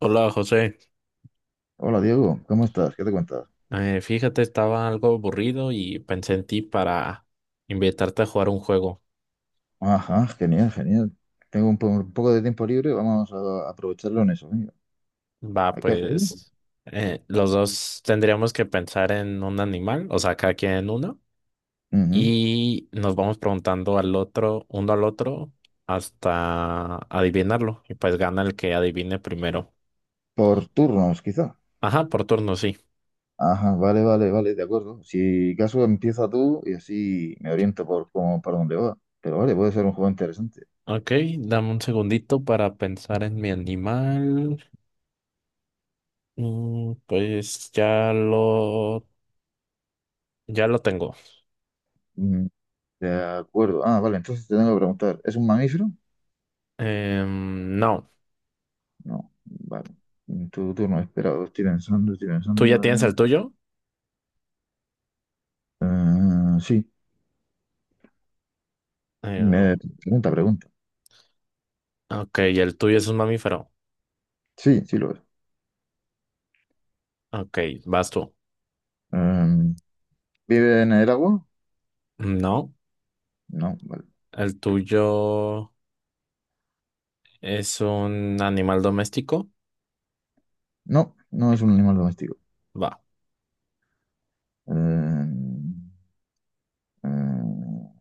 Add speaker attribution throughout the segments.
Speaker 1: Hola José.
Speaker 2: Hola Diego, ¿cómo estás? ¿Qué te cuentas?
Speaker 1: Fíjate, estaba algo aburrido y pensé en ti para invitarte a jugar un juego.
Speaker 2: Ajá, genial, genial. Tengo un poco de tiempo libre, vamos a aprovecharlo en eso. Venga.
Speaker 1: Va,
Speaker 2: ¿Hay que jugar?
Speaker 1: pues los dos tendríamos que pensar en un animal, o sea, cada quien uno,
Speaker 2: Ujú.
Speaker 1: y nos vamos preguntando al otro, uno al otro, hasta adivinarlo, y pues gana el que adivine primero.
Speaker 2: Por turnos, quizá.
Speaker 1: Ajá, por turno, sí.
Speaker 2: Ajá, vale, vale, vale, de acuerdo. Si caso empieza tú y así me oriento por cómo, para dónde va. Pero vale, puede ser un juego interesante.
Speaker 1: Ok, dame un segundito para pensar en mi animal. Pues ya lo tengo.
Speaker 2: Mm, De acuerdo. Ah, vale, entonces te tengo que preguntar, ¿es un mamífero?
Speaker 1: No,
Speaker 2: No, vale. Tu turno, espera, estoy pensando, estoy
Speaker 1: tú ya
Speaker 2: pensando.
Speaker 1: tienes
Speaker 2: eh.
Speaker 1: el tuyo.
Speaker 2: Sí,
Speaker 1: Eh,
Speaker 2: me pregunta.
Speaker 1: ok, el tuyo es un mamífero.
Speaker 2: Sí, sí lo es.
Speaker 1: Ok, vas tú.
Speaker 2: Em, ¿Vive en el agua?
Speaker 1: No,
Speaker 2: No, vale.
Speaker 1: el tuyo es un animal doméstico.
Speaker 2: No, no es un animal doméstico.
Speaker 1: Va,
Speaker 2: Em, em,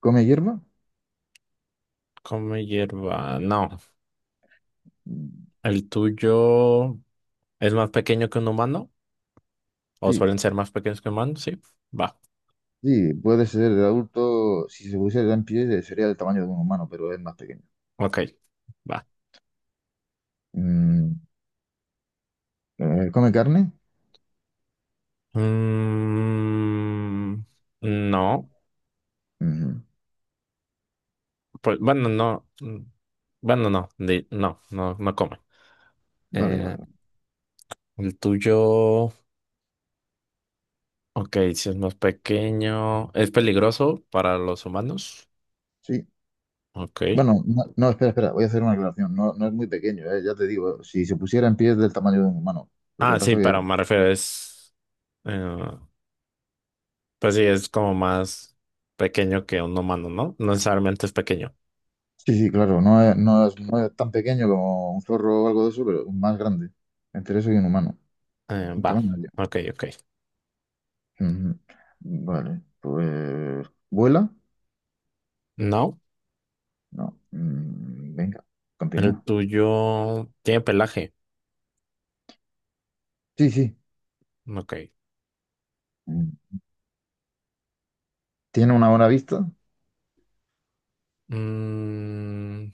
Speaker 2: ¿Come hierba?
Speaker 1: come hierba. No,
Speaker 2: Mm.
Speaker 1: el tuyo es más pequeño que un humano. O
Speaker 2: Sí,
Speaker 1: suelen ser más pequeños que humanos, sí. Va,
Speaker 2: sí, puede ser de adulto. Si se pusiera en pie, sería del tamaño de un humano, pero es más pequeño.
Speaker 1: ok, va.
Speaker 2: Mm, ¿Come carne?
Speaker 1: Mm, no,
Speaker 2: Ujú.
Speaker 1: pues bueno, no. Bueno, no, no, no, no come.
Speaker 2: Vale, vale,
Speaker 1: Eh,
Speaker 2: vale.
Speaker 1: El tuyo, ok, si es más pequeño, ¿es peligroso para los humanos?
Speaker 2: Sí.
Speaker 1: Ok.
Speaker 2: Bueno, no, no, espera, espera, voy a hacer una aclaración. No, no es muy pequeño, ya te digo, si se pusiera en pie es del tamaño de un humano. Lo que
Speaker 1: Ah, sí,
Speaker 2: pasa,
Speaker 1: pero me refiero, eh, pues sí, es como más pequeño que un humano, ¿no? No necesariamente es pequeño.
Speaker 2: sí, sí, claro, no es tan pequeño como un zorro o algo de eso, pero más grande, entre eso y un humano, un
Speaker 1: Va,
Speaker 2: tamaño medio.
Speaker 1: ok, ok.
Speaker 2: Ujú. Vale, pues ¿vuela?
Speaker 1: No,
Speaker 2: No. Mm, venga,
Speaker 1: el
Speaker 2: continúa.
Speaker 1: tuyo tiene pelaje,
Speaker 2: Sí, sí.
Speaker 1: ok.
Speaker 2: Mm. ¿Tiene una buena vista?
Speaker 1: Mm,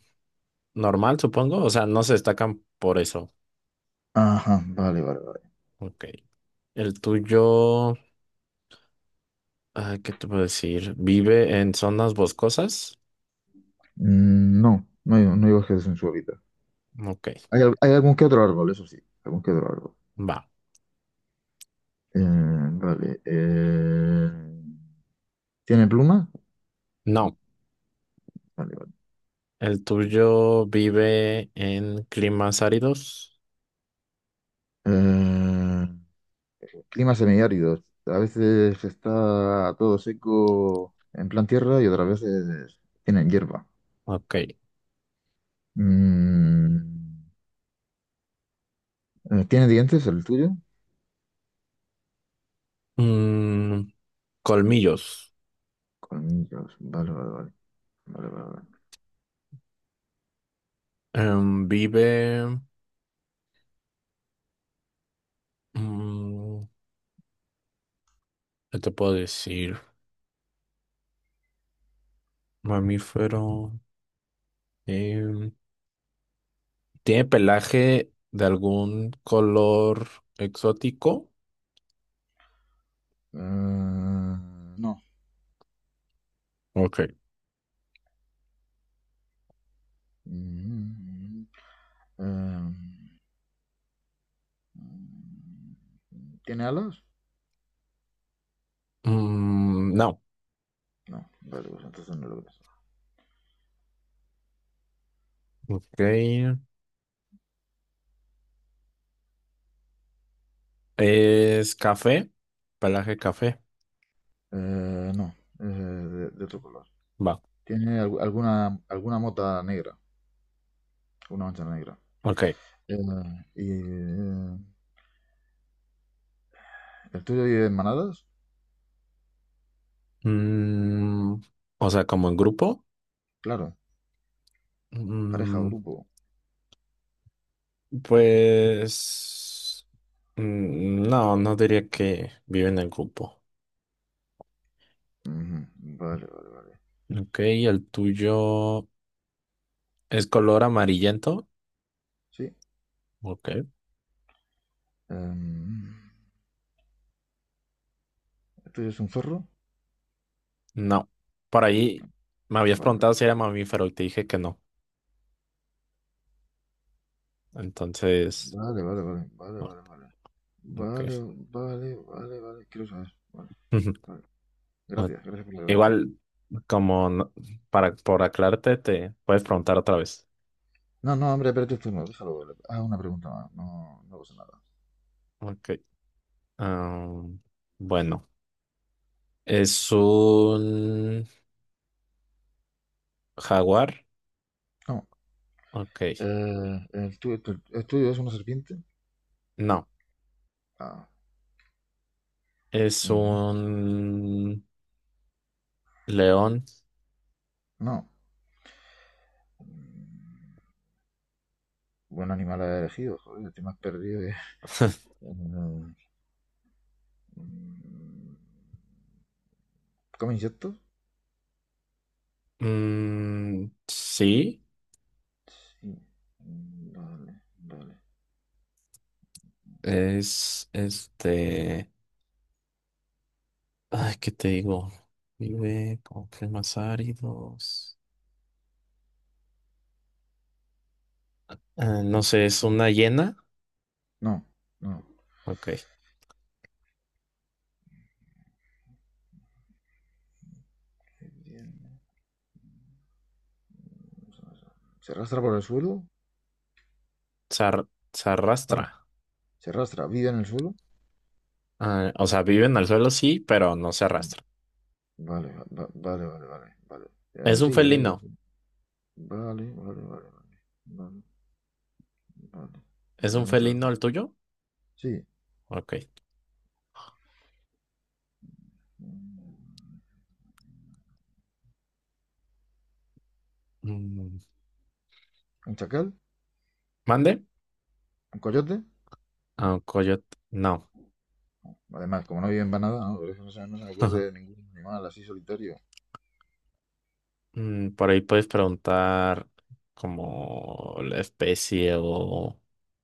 Speaker 1: normal, supongo, o sea, no se destacan por eso,
Speaker 2: Ajá, vale, vale, vale.
Speaker 1: ok. El tuyo, ah, ¿qué te puedo decir? ¿Vive en zonas boscosas?
Speaker 2: Mm, no, no hay bosques en su hábitat.
Speaker 1: Ok,
Speaker 2: Hay algún que otro árbol, eso sí, algún que otro árbol.
Speaker 1: va.
Speaker 2: Eh, vale. eh, ¿Tiene plumas?
Speaker 1: No,
Speaker 2: Vale, vale.
Speaker 1: el tuyo vive en climas áridos.
Speaker 2: Eh, clima semiárido. A veces está todo seco en plan tierra y otras veces tienen hierba.
Speaker 1: Ok.
Speaker 2: Mm, ¿Tiene dientes el tuyo?
Speaker 1: Mm, colmillos.
Speaker 2: Colmillos. Vale, vale, vale. Vale, vale, vale.
Speaker 1: Em, vive. mm, ¿Qué te puedo decir? Mamífero. em, ¿Tiene pelaje de algún color exótico?
Speaker 2: No.
Speaker 1: Ok.
Speaker 2: Mm, eh, ¿Tiene alas?
Speaker 1: Mm, no.
Speaker 2: No. Vale, pues entonces no lo ves.
Speaker 1: Ok. ¿Es café? Pelaje café.
Speaker 2: No. De otro color.
Speaker 1: Va.
Speaker 2: ¿Alguna, alguna mota negra? Una mancha negra.
Speaker 1: Ok.
Speaker 2: Eh, y, eh, ¿El tuyo vive en manadas?
Speaker 1: Mm, o sea, como en grupo.
Speaker 2: Claro. Pareja,
Speaker 1: Mm,
Speaker 2: grupo.
Speaker 1: pues no, no diría que vive en el grupo.
Speaker 2: Ujú. Vale, vale, vale.
Speaker 1: Ok, el tuyo es color amarillento.
Speaker 2: Sí.
Speaker 1: Ok,
Speaker 2: Em, ¿El tuyo es un zorro?
Speaker 1: no. Por ahí me habías
Speaker 2: Vale,
Speaker 1: preguntado si era mamífero y te dije que no. Entonces,
Speaker 2: vale, vale, vale, vale,
Speaker 1: o-
Speaker 2: vale, vale. Vale,
Speaker 1: ok.
Speaker 2: vale, vale, vale. Quiero saber. Vale, vale.
Speaker 1: O-
Speaker 2: Gracias, gracias por la relación.
Speaker 1: Igual, como no- para por aclararte, te puedes preguntar otra vez.
Speaker 2: No, no, hombre, espérate tú, no, déjalo. Ah, una pregunta más. No, no pasa nada.
Speaker 1: Ok, ah, bueno. Es un jaguar.
Speaker 2: No.
Speaker 1: Ok.
Speaker 2: ¿El tuyo es una serpiente?
Speaker 1: No.
Speaker 2: Ah,
Speaker 1: Es
Speaker 2: ujú.
Speaker 1: un león.
Speaker 2: No. Mm, buen animal has elegido, joder, te me has perdido. Eh, mm, ¿come insectos?
Speaker 1: Mm, sí.
Speaker 2: Sí. Vale, vale.
Speaker 1: Es este. Ay, ¿qué te digo? Vive con climas áridos. Ah, no sé, es una hiena.
Speaker 2: No, no.
Speaker 1: Ok.
Speaker 2: ¿Se arrastra por el suelo?
Speaker 1: Se, ar- se
Speaker 2: Bueno,
Speaker 1: arrastra.
Speaker 2: se arrastra. ¿Vive en el suelo?
Speaker 1: Ah, o sea, vive en el suelo, sí, pero no se
Speaker 2: Sí.
Speaker 1: arrastra.
Speaker 2: Vale, va- vale, vale, vale, vale.
Speaker 1: Es un
Speaker 2: Sí, quería
Speaker 1: felino.
Speaker 2: decir vale, vale, vale, vale. Vale, vale.
Speaker 1: ¿Es un
Speaker 2: Vale, muchas
Speaker 1: felino
Speaker 2: gracias.
Speaker 1: el tuyo?
Speaker 2: Sí.
Speaker 1: Ok.
Speaker 2: Mm,
Speaker 1: Mm,
Speaker 2: ¿un chacal?
Speaker 1: ¿Mande?
Speaker 2: ¿Un coyote?
Speaker 1: Ah, un coyote. No.
Speaker 2: Además, como no viven para nada, no, por eso no se me ocurre ningún animal así solitario.
Speaker 1: Mm, por ahí puedes preguntar como la especie o...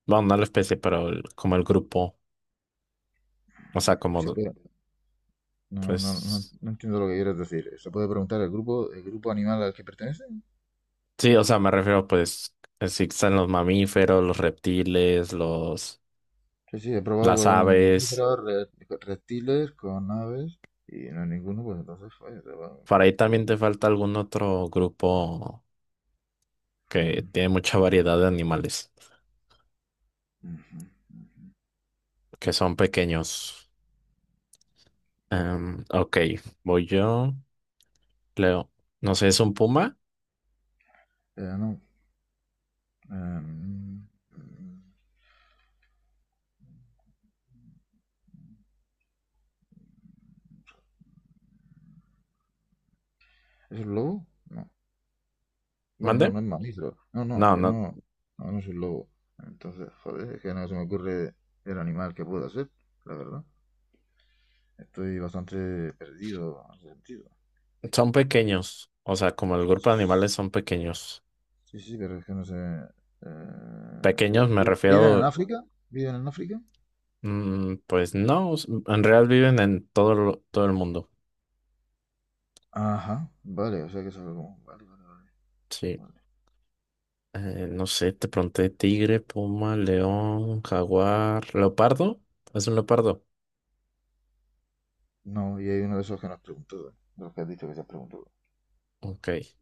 Speaker 1: Bueno, no la especie, pero como el grupo. O sea, como
Speaker 2: Se puede No, no, no,
Speaker 1: pues...
Speaker 2: no entiendo lo que quieres decir. ¿Se puede preguntar el grupo animal al que pertenecen?
Speaker 1: Sí, o sea, me refiero pues si están los mamíferos, los reptiles, los...
Speaker 2: Sí, sí, he probado
Speaker 1: las
Speaker 2: con los
Speaker 1: aves.
Speaker 2: mamíferos, con reptiles, con aves y no hay ninguno, pues entonces falla.
Speaker 1: Por ahí
Speaker 2: Por
Speaker 1: también
Speaker 2: eso.
Speaker 1: te falta algún otro grupo que
Speaker 2: Ujú,
Speaker 1: tiene mucha variedad de animales,
Speaker 2: ujú.
Speaker 1: que son pequeños. Ok, voy yo. Leo. No sé, ¿es un puma?
Speaker 2: No. em, mm, ¿es un lobo? No. Bueno, no,
Speaker 1: ¿Mande?
Speaker 2: no es mamífero. No, no,
Speaker 1: No,
Speaker 2: que
Speaker 1: no.
Speaker 2: no. No, no es un lobo. Entonces, joder, es que no se me ocurre el animal que pueda ser, la verdad. Estoy bastante perdido en ese sentido.
Speaker 1: Son pequeños, o sea, como el grupo de animales son pequeños.
Speaker 2: Sí, sí, pero es que no sé. eh,
Speaker 1: Pequeños me
Speaker 2: ¿Viven en
Speaker 1: refiero,
Speaker 2: África? ¿Viven en África?
Speaker 1: mm, pues no, en realidad viven en todo, todo el mundo.
Speaker 2: Ajá, vale, o sea que es algo como vale, vale, vale,
Speaker 1: Sí.
Speaker 2: vale.
Speaker 1: No sé, te pregunté tigre, puma, león, jaguar, leopardo. ¿Es un leopardo?
Speaker 2: No, y hay uno de esos que nos preguntó, de los que has dicho que se has preguntado.
Speaker 1: Ok.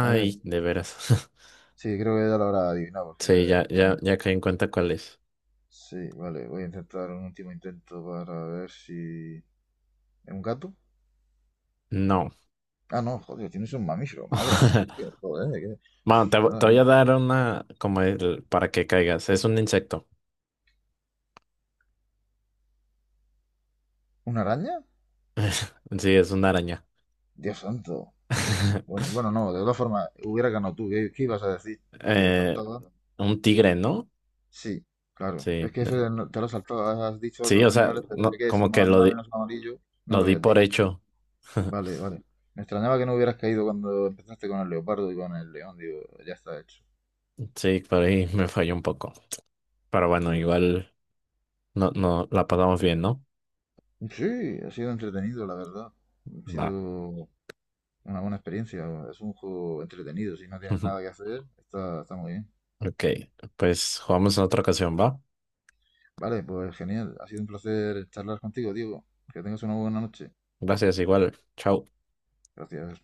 Speaker 2: A ver,
Speaker 1: de veras.
Speaker 2: sí, creo que ya lo habrá adivinado, porque
Speaker 1: Sí, ya caí en cuenta cuál es.
Speaker 2: sí, vale, voy a intentar un último intento para ver si ¿es un gato?
Speaker 1: No.
Speaker 2: Ah, no, joder, tienes un mamífero, madre mía, es que, joder,
Speaker 1: Bueno,
Speaker 2: nada,
Speaker 1: te voy a
Speaker 2: nada.
Speaker 1: dar una para que caigas. Es un insecto.
Speaker 2: ¿Una araña?
Speaker 1: Sí, es una araña.
Speaker 2: Dios santo, joder. Bueno, bueno, no, de todas formas, hubiera ganado tú, ¿qué ibas a decir? Porque
Speaker 1: Eh,
Speaker 2: faltaba
Speaker 1: Un tigre, ¿no?
Speaker 2: sí, claro. Es
Speaker 1: Sí,
Speaker 2: que eso no- te lo has saltado, has dicho
Speaker 1: sí,
Speaker 2: otros
Speaker 1: o sea,
Speaker 2: animales, pero ese
Speaker 1: no,
Speaker 2: que es
Speaker 1: como que
Speaker 2: más,
Speaker 1: lo
Speaker 2: más o
Speaker 1: di,
Speaker 2: menos amarillo, no
Speaker 1: lo
Speaker 2: lo
Speaker 1: di
Speaker 2: habías
Speaker 1: por
Speaker 2: dicho.
Speaker 1: hecho.
Speaker 2: Vale, vale. Me extrañaba que no hubieras caído cuando empezaste con el leopardo y con el león, digo, ya está hecho.
Speaker 1: Sí, por ahí me falló un poco. Pero bueno, igual no, no la pasamos bien, ¿no?
Speaker 2: Sí, ha sido entretenido, la verdad. Ha
Speaker 1: Va.
Speaker 2: sido una buena experiencia. Es un juego entretenido. Si no tienes nada que hacer, está, está muy bien.
Speaker 1: Ok, pues jugamos en otra ocasión, ¿va?
Speaker 2: Vale, pues genial. Ha sido un placer charlar contigo, Diego. Que tengas una buena noche.
Speaker 1: Gracias, igual. Chao.
Speaker 2: Gracias.